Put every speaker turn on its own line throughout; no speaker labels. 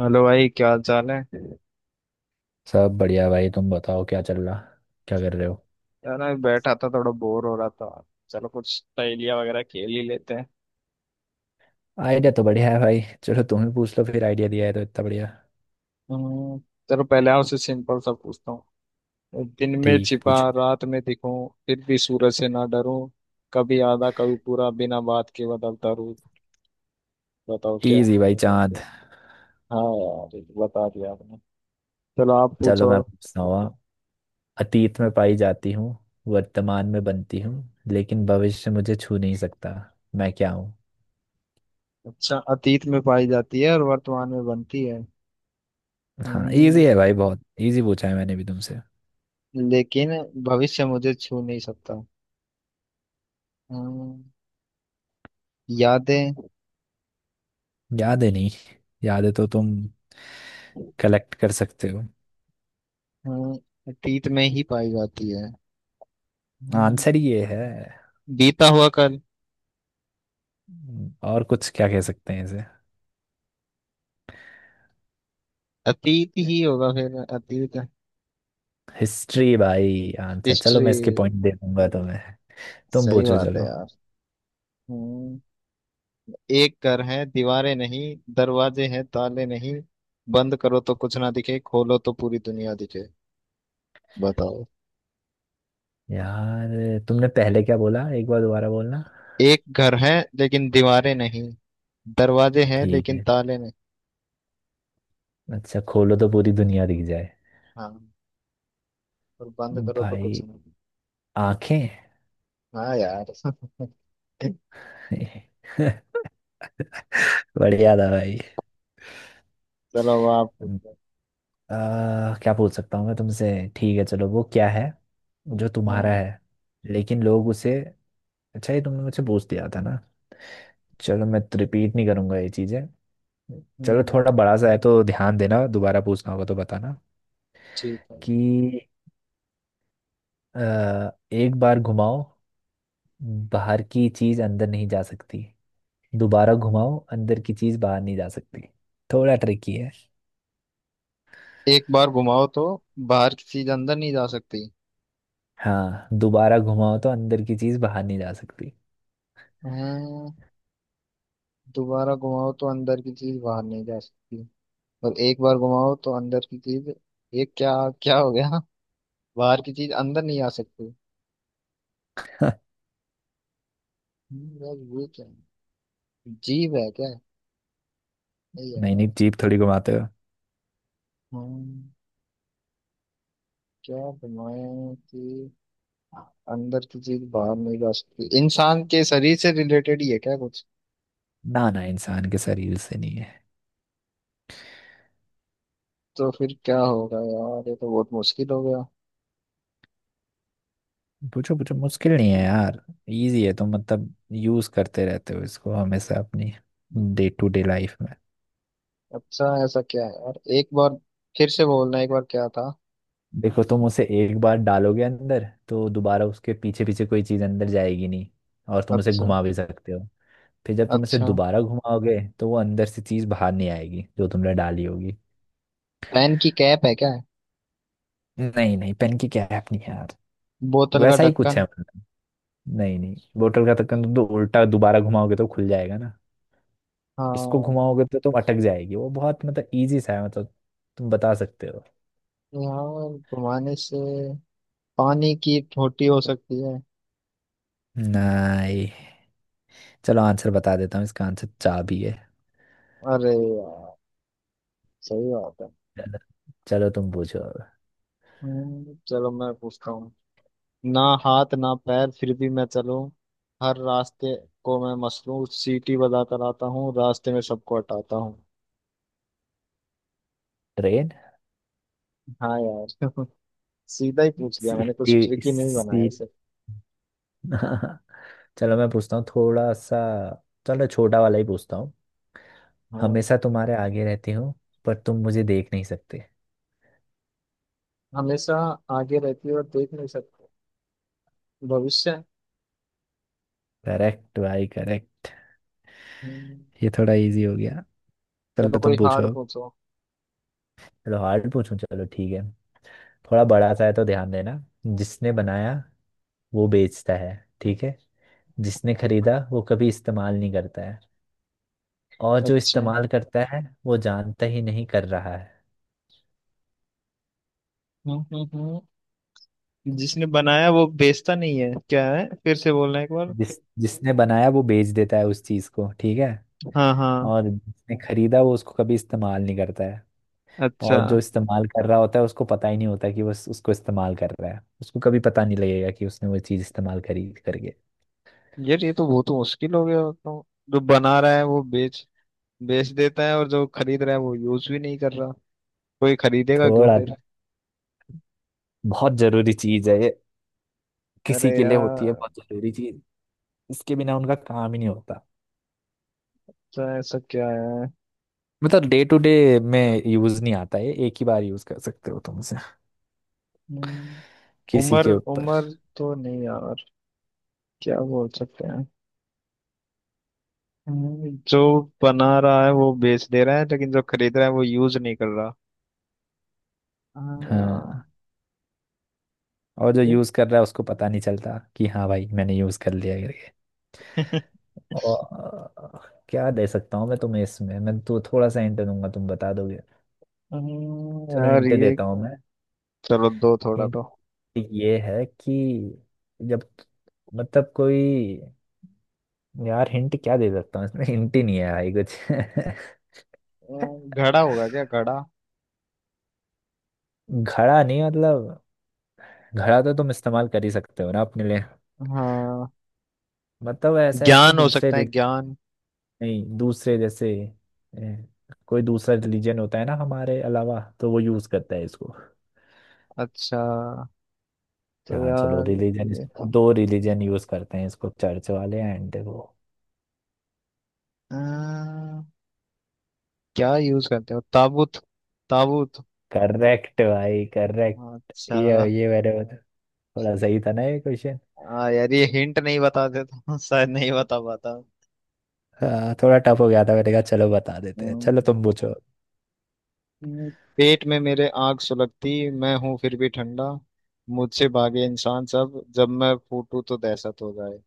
Hello भाई, क्या हाल चाल है।
सब बढ़िया भाई। तुम बताओ क्या चल रहा, क्या कर रहे हो।
यार मैं बैठा था, थोड़ा बोर हो रहा था। चलो कुछ पहेलियां वगैरह खेल ही लेते हैं।
आइडिया तो बढ़िया है भाई। चलो तुम ही पूछ लो फिर, आइडिया दिया है तो इतना बढ़िया।
हम्म। चलो पहले आपसे सिंपल सा पूछता हूँ। दिन में
ठीक है
छिपा,
पूछो।
रात में दिखूं, फिर भी सूरज से ना डरूं। कभी आधा कभी पूरा, बिना बात के बदलता रूप। बताओ क्या है।
इजी भाई, चांद।
हाँ यार, ये तो बता दिया आपने। चलो आप
चलो
पूछो।
मैं पूछता हूँ अब। अतीत में पाई जाती हूँ, वर्तमान में बनती हूँ, लेकिन भविष्य मुझे छू नहीं सकता। मैं क्या हूँ?
अच्छा, अतीत में पाई जाती है और वर्तमान में बनती है।
हाँ,
हम्म।
इजी है भाई, बहुत इजी पूछा है मैंने भी तुमसे।
लेकिन भविष्य मुझे छू नहीं सकता। हम्म। यादें।
याद है नहीं, याद है तो तुम कलेक्ट कर सकते हो।
हाँ, अतीत में ही पाई जाती है। हाँ।
आंसर ये है।
बीता हुआ कल।
और कुछ क्या कह सकते हैं इसे?
अतीत ही होगा, फिर अतीत।
हिस्ट्री भाई आंसर। चलो
हिस्ट्री।
मैं इसके पॉइंट दे दूंगा तुम्हें। तुम
सही
पूछो
बात है
चलो।
यार। हम्म। एक घर है, दीवारें नहीं। दरवाजे हैं, ताले नहीं। बंद करो तो कुछ ना दिखे, खोलो तो पूरी दुनिया दिखे। बताओ।
यार तुमने पहले क्या बोला, एक बार दोबारा बोलना।
एक घर है, लेकिन दीवारें नहीं। दरवाजे हैं,
ठीक
लेकिन
है।
ताले नहीं।
अच्छा, खोलो तो पूरी दुनिया दिख जाए।
हाँ। और बंद करो तो
भाई,
कुछ नहीं।
आंखें।
हाँ यार।
बढ़िया था भाई।
चलो अब आप पूछो।
क्या पूछ सकता हूँ मैं तुमसे। ठीक है चलो, वो क्या है जो तुम्हारा
हाँ।
है, लेकिन लोग उसे। अच्छा, ये तुमने मुझसे पूछ दिया था ना। चलो मैं रिपीट नहीं करूंगा ये चीजें। चलो
हम्म।
थोड़ा बड़ा सा है तो ध्यान देना, दोबारा पूछना होगा तो बताना
ठीक है।
कि एक बार घुमाओ, बाहर की चीज अंदर नहीं जा सकती। दोबारा घुमाओ, अंदर की चीज बाहर नहीं जा सकती। थोड़ा ट्रिकी है।
एक बार घुमाओ तो बाहर की चीज अंदर नहीं जा सकती।
हाँ, दोबारा घुमाओ तो अंदर की चीज बाहर नहीं जा सकती।
हाँ, दोबारा घुमाओ तो अंदर की चीज बाहर नहीं जा सकती। और एक बार घुमाओ तो अंदर की चीज, ये क्या, क्या हो गया। बाहर की चीज अंदर नहीं आ सकती। यार ये क्या है। जीव है क्या। ए
नहीं नहीं,
यार।
जीप थोड़ी घुमाते हो।
हम्म। क्या बनाया कि अंदर की चीज बाहर नहीं जा सकती। इंसान के शरीर से रिलेटेड ही है क्या कुछ।
ना ना, इंसान के शरीर से नहीं है।
तो फिर क्या होगा यार, ये तो बहुत मुश्किल हो
पूछो पूछो,
गया।
मुश्किल नहीं है यार। इजी है, तो मतलब यूज करते रहते हो इसको हमेशा अपनी डे टू डे लाइफ में।
अच्छा, ऐसा क्या है यार। एक बार फिर से बोलना, एक बार क्या था।
देखो, तुम उसे एक बार डालोगे अंदर तो दोबारा उसके पीछे पीछे कोई चीज़ अंदर जाएगी नहीं, और तुम उसे
अच्छा।
घुमा भी सकते हो। फिर जब तुम उसे
अच्छा,
दोबारा घुमाओगे तो वो अंदर से चीज़ बाहर नहीं आएगी जो तुमने डाली होगी।
पेन की कैप है क्या।
नहीं नहीं, पेन की क्या ऐप नहीं है यार।
बोतल का
वैसा ही कुछ
ढक्कन।
है मतलब। नहीं नहीं, बोतल का ढक्कन तुम तो उल्टा दोबारा घुमाओगे तो खुल जाएगा ना। इसको
हाँ।
घुमाओगे तो तुम अटक जाएगी वो, बहुत मतलब इजी सा है मतलब। तुम बता सकते हो।
यहाँ घुमाने से पानी की टोटी हो सकती है।
नहीं। चलो आंसर बता देता हूँ, इसका आंसर चाबी है।
अरे यार, सही बात है।
चलो, चलो तुम पूछो अब।
चलो मैं पूछता हूँ। ना हाथ ना पैर, फिर भी मैं चलूं। हर रास्ते को मैं मसलूं। सीटी बजाकर आता हूँ, रास्ते में सबको हटाता हूँ।
ट्रेन।
हाँ यार। सीधा ही पूछ लिया मैंने, कुछ
सीटी
ट्रिक ही नहीं बनाया
सी।
इसे।
चलो मैं पूछता हूँ थोड़ा सा। चलो छोटा वाला ही पूछता हूँ।
हाँ।
हमेशा तुम्हारे आगे रहती हूँ, पर तुम मुझे देख नहीं सकते।
हमेशा आगे रहती है और देख नहीं सकते। भविष्य।
करेक्ट भाई करेक्ट।
हम्म।
ये थोड़ा इजी हो गया।
चलो
चलो
कोई
तुम पूछो
हार्ड
अब।
पूछो।
चलो हार्ड पूछूं, चलो ठीक है। थोड़ा बड़ा सा है तो ध्यान देना। जिसने बनाया वो बेचता है, ठीक है। जिसने खरीदा वो कभी इस्तेमाल नहीं करता है, और जो
अच्छा है।
इस्तेमाल करता है वो जानता ही नहीं कर रहा है।
हम्म हम्म हम्म। जिसने बनाया वो बेचता नहीं है, क्या है, फिर से बोलना एक बार।
जिसने बनाया वो बेच देता है उस चीज को, ठीक है।
हाँ हाँ।
और जिसने खरीदा वो उसको कभी इस्तेमाल नहीं करता है।
अच्छा।
और जो इस्तेमाल कर रहा होता है उसको पता ही नहीं होता कि वो उसको इस्तेमाल कर रहा है। उसको कभी पता नहीं लगेगा कि उसने वो चीज इस्तेमाल खरीद करके।
यार ये तो बहुत मुश्किल हो गया तो। जो बना रहा है वो बेच, बेच देता है, और जो खरीद रहा है वो यूज भी नहीं कर रहा। कोई खरीदेगा क्यों
थोड़ा
फिर।
बहुत जरूरी चीज है ये, किसी
अरे
के लिए होती है
यार।
बहुत जरूरी चीज। इसके बिना उनका काम ही नहीं होता।
अच्छा, ऐसा क्या है।
मतलब डे टू डे में यूज नहीं आता है। एक ही बार यूज कर सकते हो तुम उसे
हम्म।
किसी
उम्र
के ऊपर।
उम्र तो नहीं यार। क्या बोल सकते हैं। जो बना रहा है वो बेच दे रहा है, लेकिन जो खरीद रहा है वो यूज नहीं कर रहा। हाँ यार।
हाँ, और जो
ये-
यूज कर रहा है उसको पता नहीं चलता कि हाँ भाई मैंने यूज कर लिया करके। और क्या दे सकता हूँ मैं तुम्हें इसमें, मैं तो थोड़ा सा हिंट दूंगा तुम बता दोगे।
हम्म।
चलो
यार
हिंट
ये,
देता हूँ मैं।
चलो दो थोड़ा
हिंट
तो।
ये है कि जब, मतलब कोई, यार हिंट क्या दे सकता हूँ इसमें, हिंट ही नहीं है भाई कुछ।
घड़ा होगा क्या, घड़ा।
घड़ा नहीं, मतलब घड़ा तो तुम इस्तेमाल कर ही सकते हो ना अपने लिए।
हाँ।
मतलब ऐसा है कि
ज्ञान हो
दूसरे
सकता है, ज्ञान।
नहीं, दूसरे जैसे ए, कोई दूसरा रिलीजन होता है ना हमारे अलावा, तो वो यूज करता है इसको।
अच्छा। तो
हाँ, चलो
यार
रिलीजन।
ये,
दो रिलीजन यूज करते हैं इसको, चर्च वाले एंड वो।
अ, क्या यूज करते हो, ताबूत। ताबूत।
करेक्ट भाई करेक्ट। ये
अच्छा।
ये मेरे को थोड़ा सही था ना ये क्वेश्चन।
हाँ यार, ये हिंट नहीं बताते तो शायद नहीं बता पाता।
हाँ थोड़ा टफ हो गया था, मैंने कहा चलो बता देते हैं। चलो तुम
हम्म।
पूछो।
हूँ, पेट में मेरे आग सुलगती, मैं हूँ फिर भी ठंडा। मुझसे भागे इंसान सब, जब मैं फूटू तो दहशत हो जाए।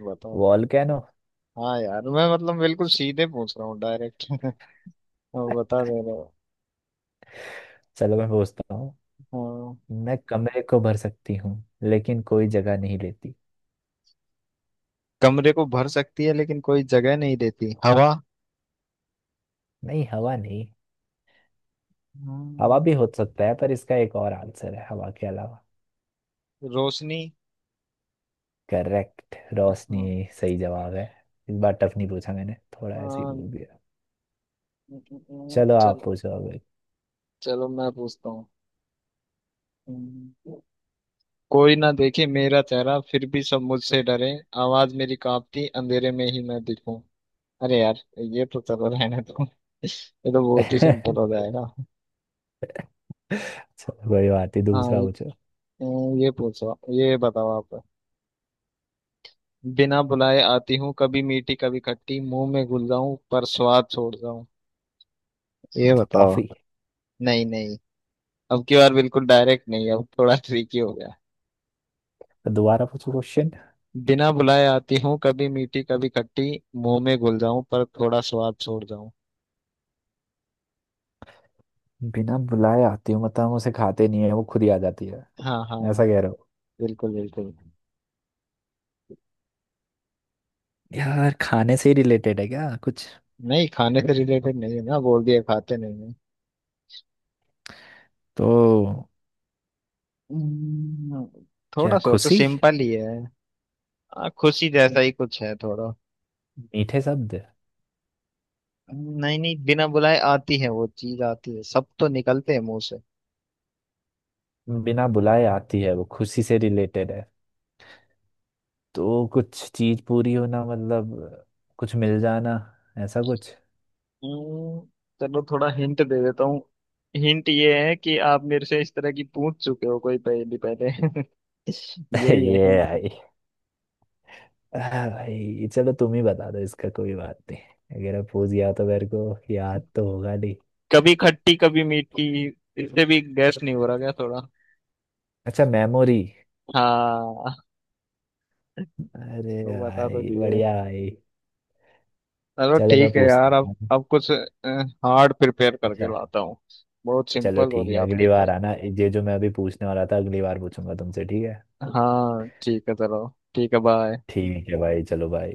बताओ।
वॉल्केनो।
हाँ यार, मैं मतलब बिल्कुल सीधे पूछ रहा हूँ, डायरेक्ट। बता दे रहे हो।
चलो मैं पूछता हूँ।
हाँ।
मैं कमरे को भर सकती हूँ, लेकिन कोई जगह नहीं लेती।
कमरे को भर सकती है लेकिन कोई जगह नहीं देती, हवा।
नहीं, हवा नहीं। हवा भी
हाँ।
हो सकता है, पर इसका एक और आंसर है हवा के अलावा।
रोशनी।
करेक्ट, रोशनी
हाँ।
सही जवाब है। इस बार टफ नहीं पूछा मैंने,
अ,
थोड़ा ऐसे ही
अ,
बोल दिया। चलो आप
चलो।
पूछो अब।
चलो मैं पूछता हूँ। कोई ना देखे मेरा चेहरा, फिर भी सब मुझसे डरे। आवाज मेरी कांपती, अंधेरे में ही मैं दिखूं। अरे यार, ये तो चलो रहने दो, ये तो बहुत ही सिंपल हो
अच्छा,
जाएगा।
कोई बात नहीं,
हाँ।
दूसरा पूछो।
ये पूछो, ये बताओ आप। बिना बुलाए आती हूँ, कभी मीठी कभी खट्टी, मुंह में घुल जाऊं पर स्वाद छोड़ जाऊं। ये बताओ।
टॉफी।
नहीं नहीं, अब की बार बिल्कुल डायरेक्ट नहीं, अब थोड़ा ट्रिकी हो गया।
दोबारा पूछो क्वेश्चन।
बिना बुलाए आती हूँ, कभी मीठी कभी खट्टी, मुंह में घुल जाऊं पर थोड़ा स्वाद छोड़ जाऊं।
बिना बुलाए आती हूँ मतलब हम उसे खाते नहीं है, वो खुद ही आ जाती है,
हाँ हाँ।
ऐसा कह रहे हो।
बिल्कुल बिल्कुल।
यार, खाने से ही रिलेटेड है क्या कुछ?
नहीं, खाने से रिलेटेड नहीं है, ना बोल दिया खाते नहीं है।
तो?
हम्म,
क्या,
थोड़ा सोचो,
खुशी?
सिंपल ही है। खुशी जैसा ही कुछ है थोड़ा।
मीठे शब्द?
नहीं नहीं, बिना बुलाए आती है वो चीज, आती है सब तो निकलते हैं मुंह से।
बिना बुलाए आती है, वो खुशी से रिलेटेड है, तो कुछ चीज पूरी होना मतलब कुछ मिल जाना, ऐसा कुछ।
हम्म, चलो थोड़ा हिंट दे देता हूँ। हिंट ये है कि आप मेरे से इस तरह की पूछ चुके हो कोई पहेली पहले। यही है
ये
हिंट।
है। हाँ भाई, चलो तुम ही बता दो इसका, कोई बात नहीं। अगर अब पूछ गया तो मेरे को याद तो होगा नहीं।
कभी खट्टी कभी मीठी, इससे भी गैस नहीं हो रहा क्या थोड़ा।
अच्छा, मेमोरी।
हाँ।
अरे
तो बता तो
भाई
दिए।
बढ़िया भाई।
चलो
चलो मैं
ठीक है
पूछता
यार,
हूँ।
अब कुछ हार्ड प्रिपेयर करके
अच्छा।
लाता हूँ। बहुत
चलो
सिंपल हो
ठीक
रही
है,
है आपके
अगली
लिए।
बार आना। ये जो मैं अभी पूछने वाला था अगली बार पूछूंगा तुमसे, ठीक है।
हाँ ठीक है। चलो ठीक है, बाय।
ठीक है भाई, चलो भाई।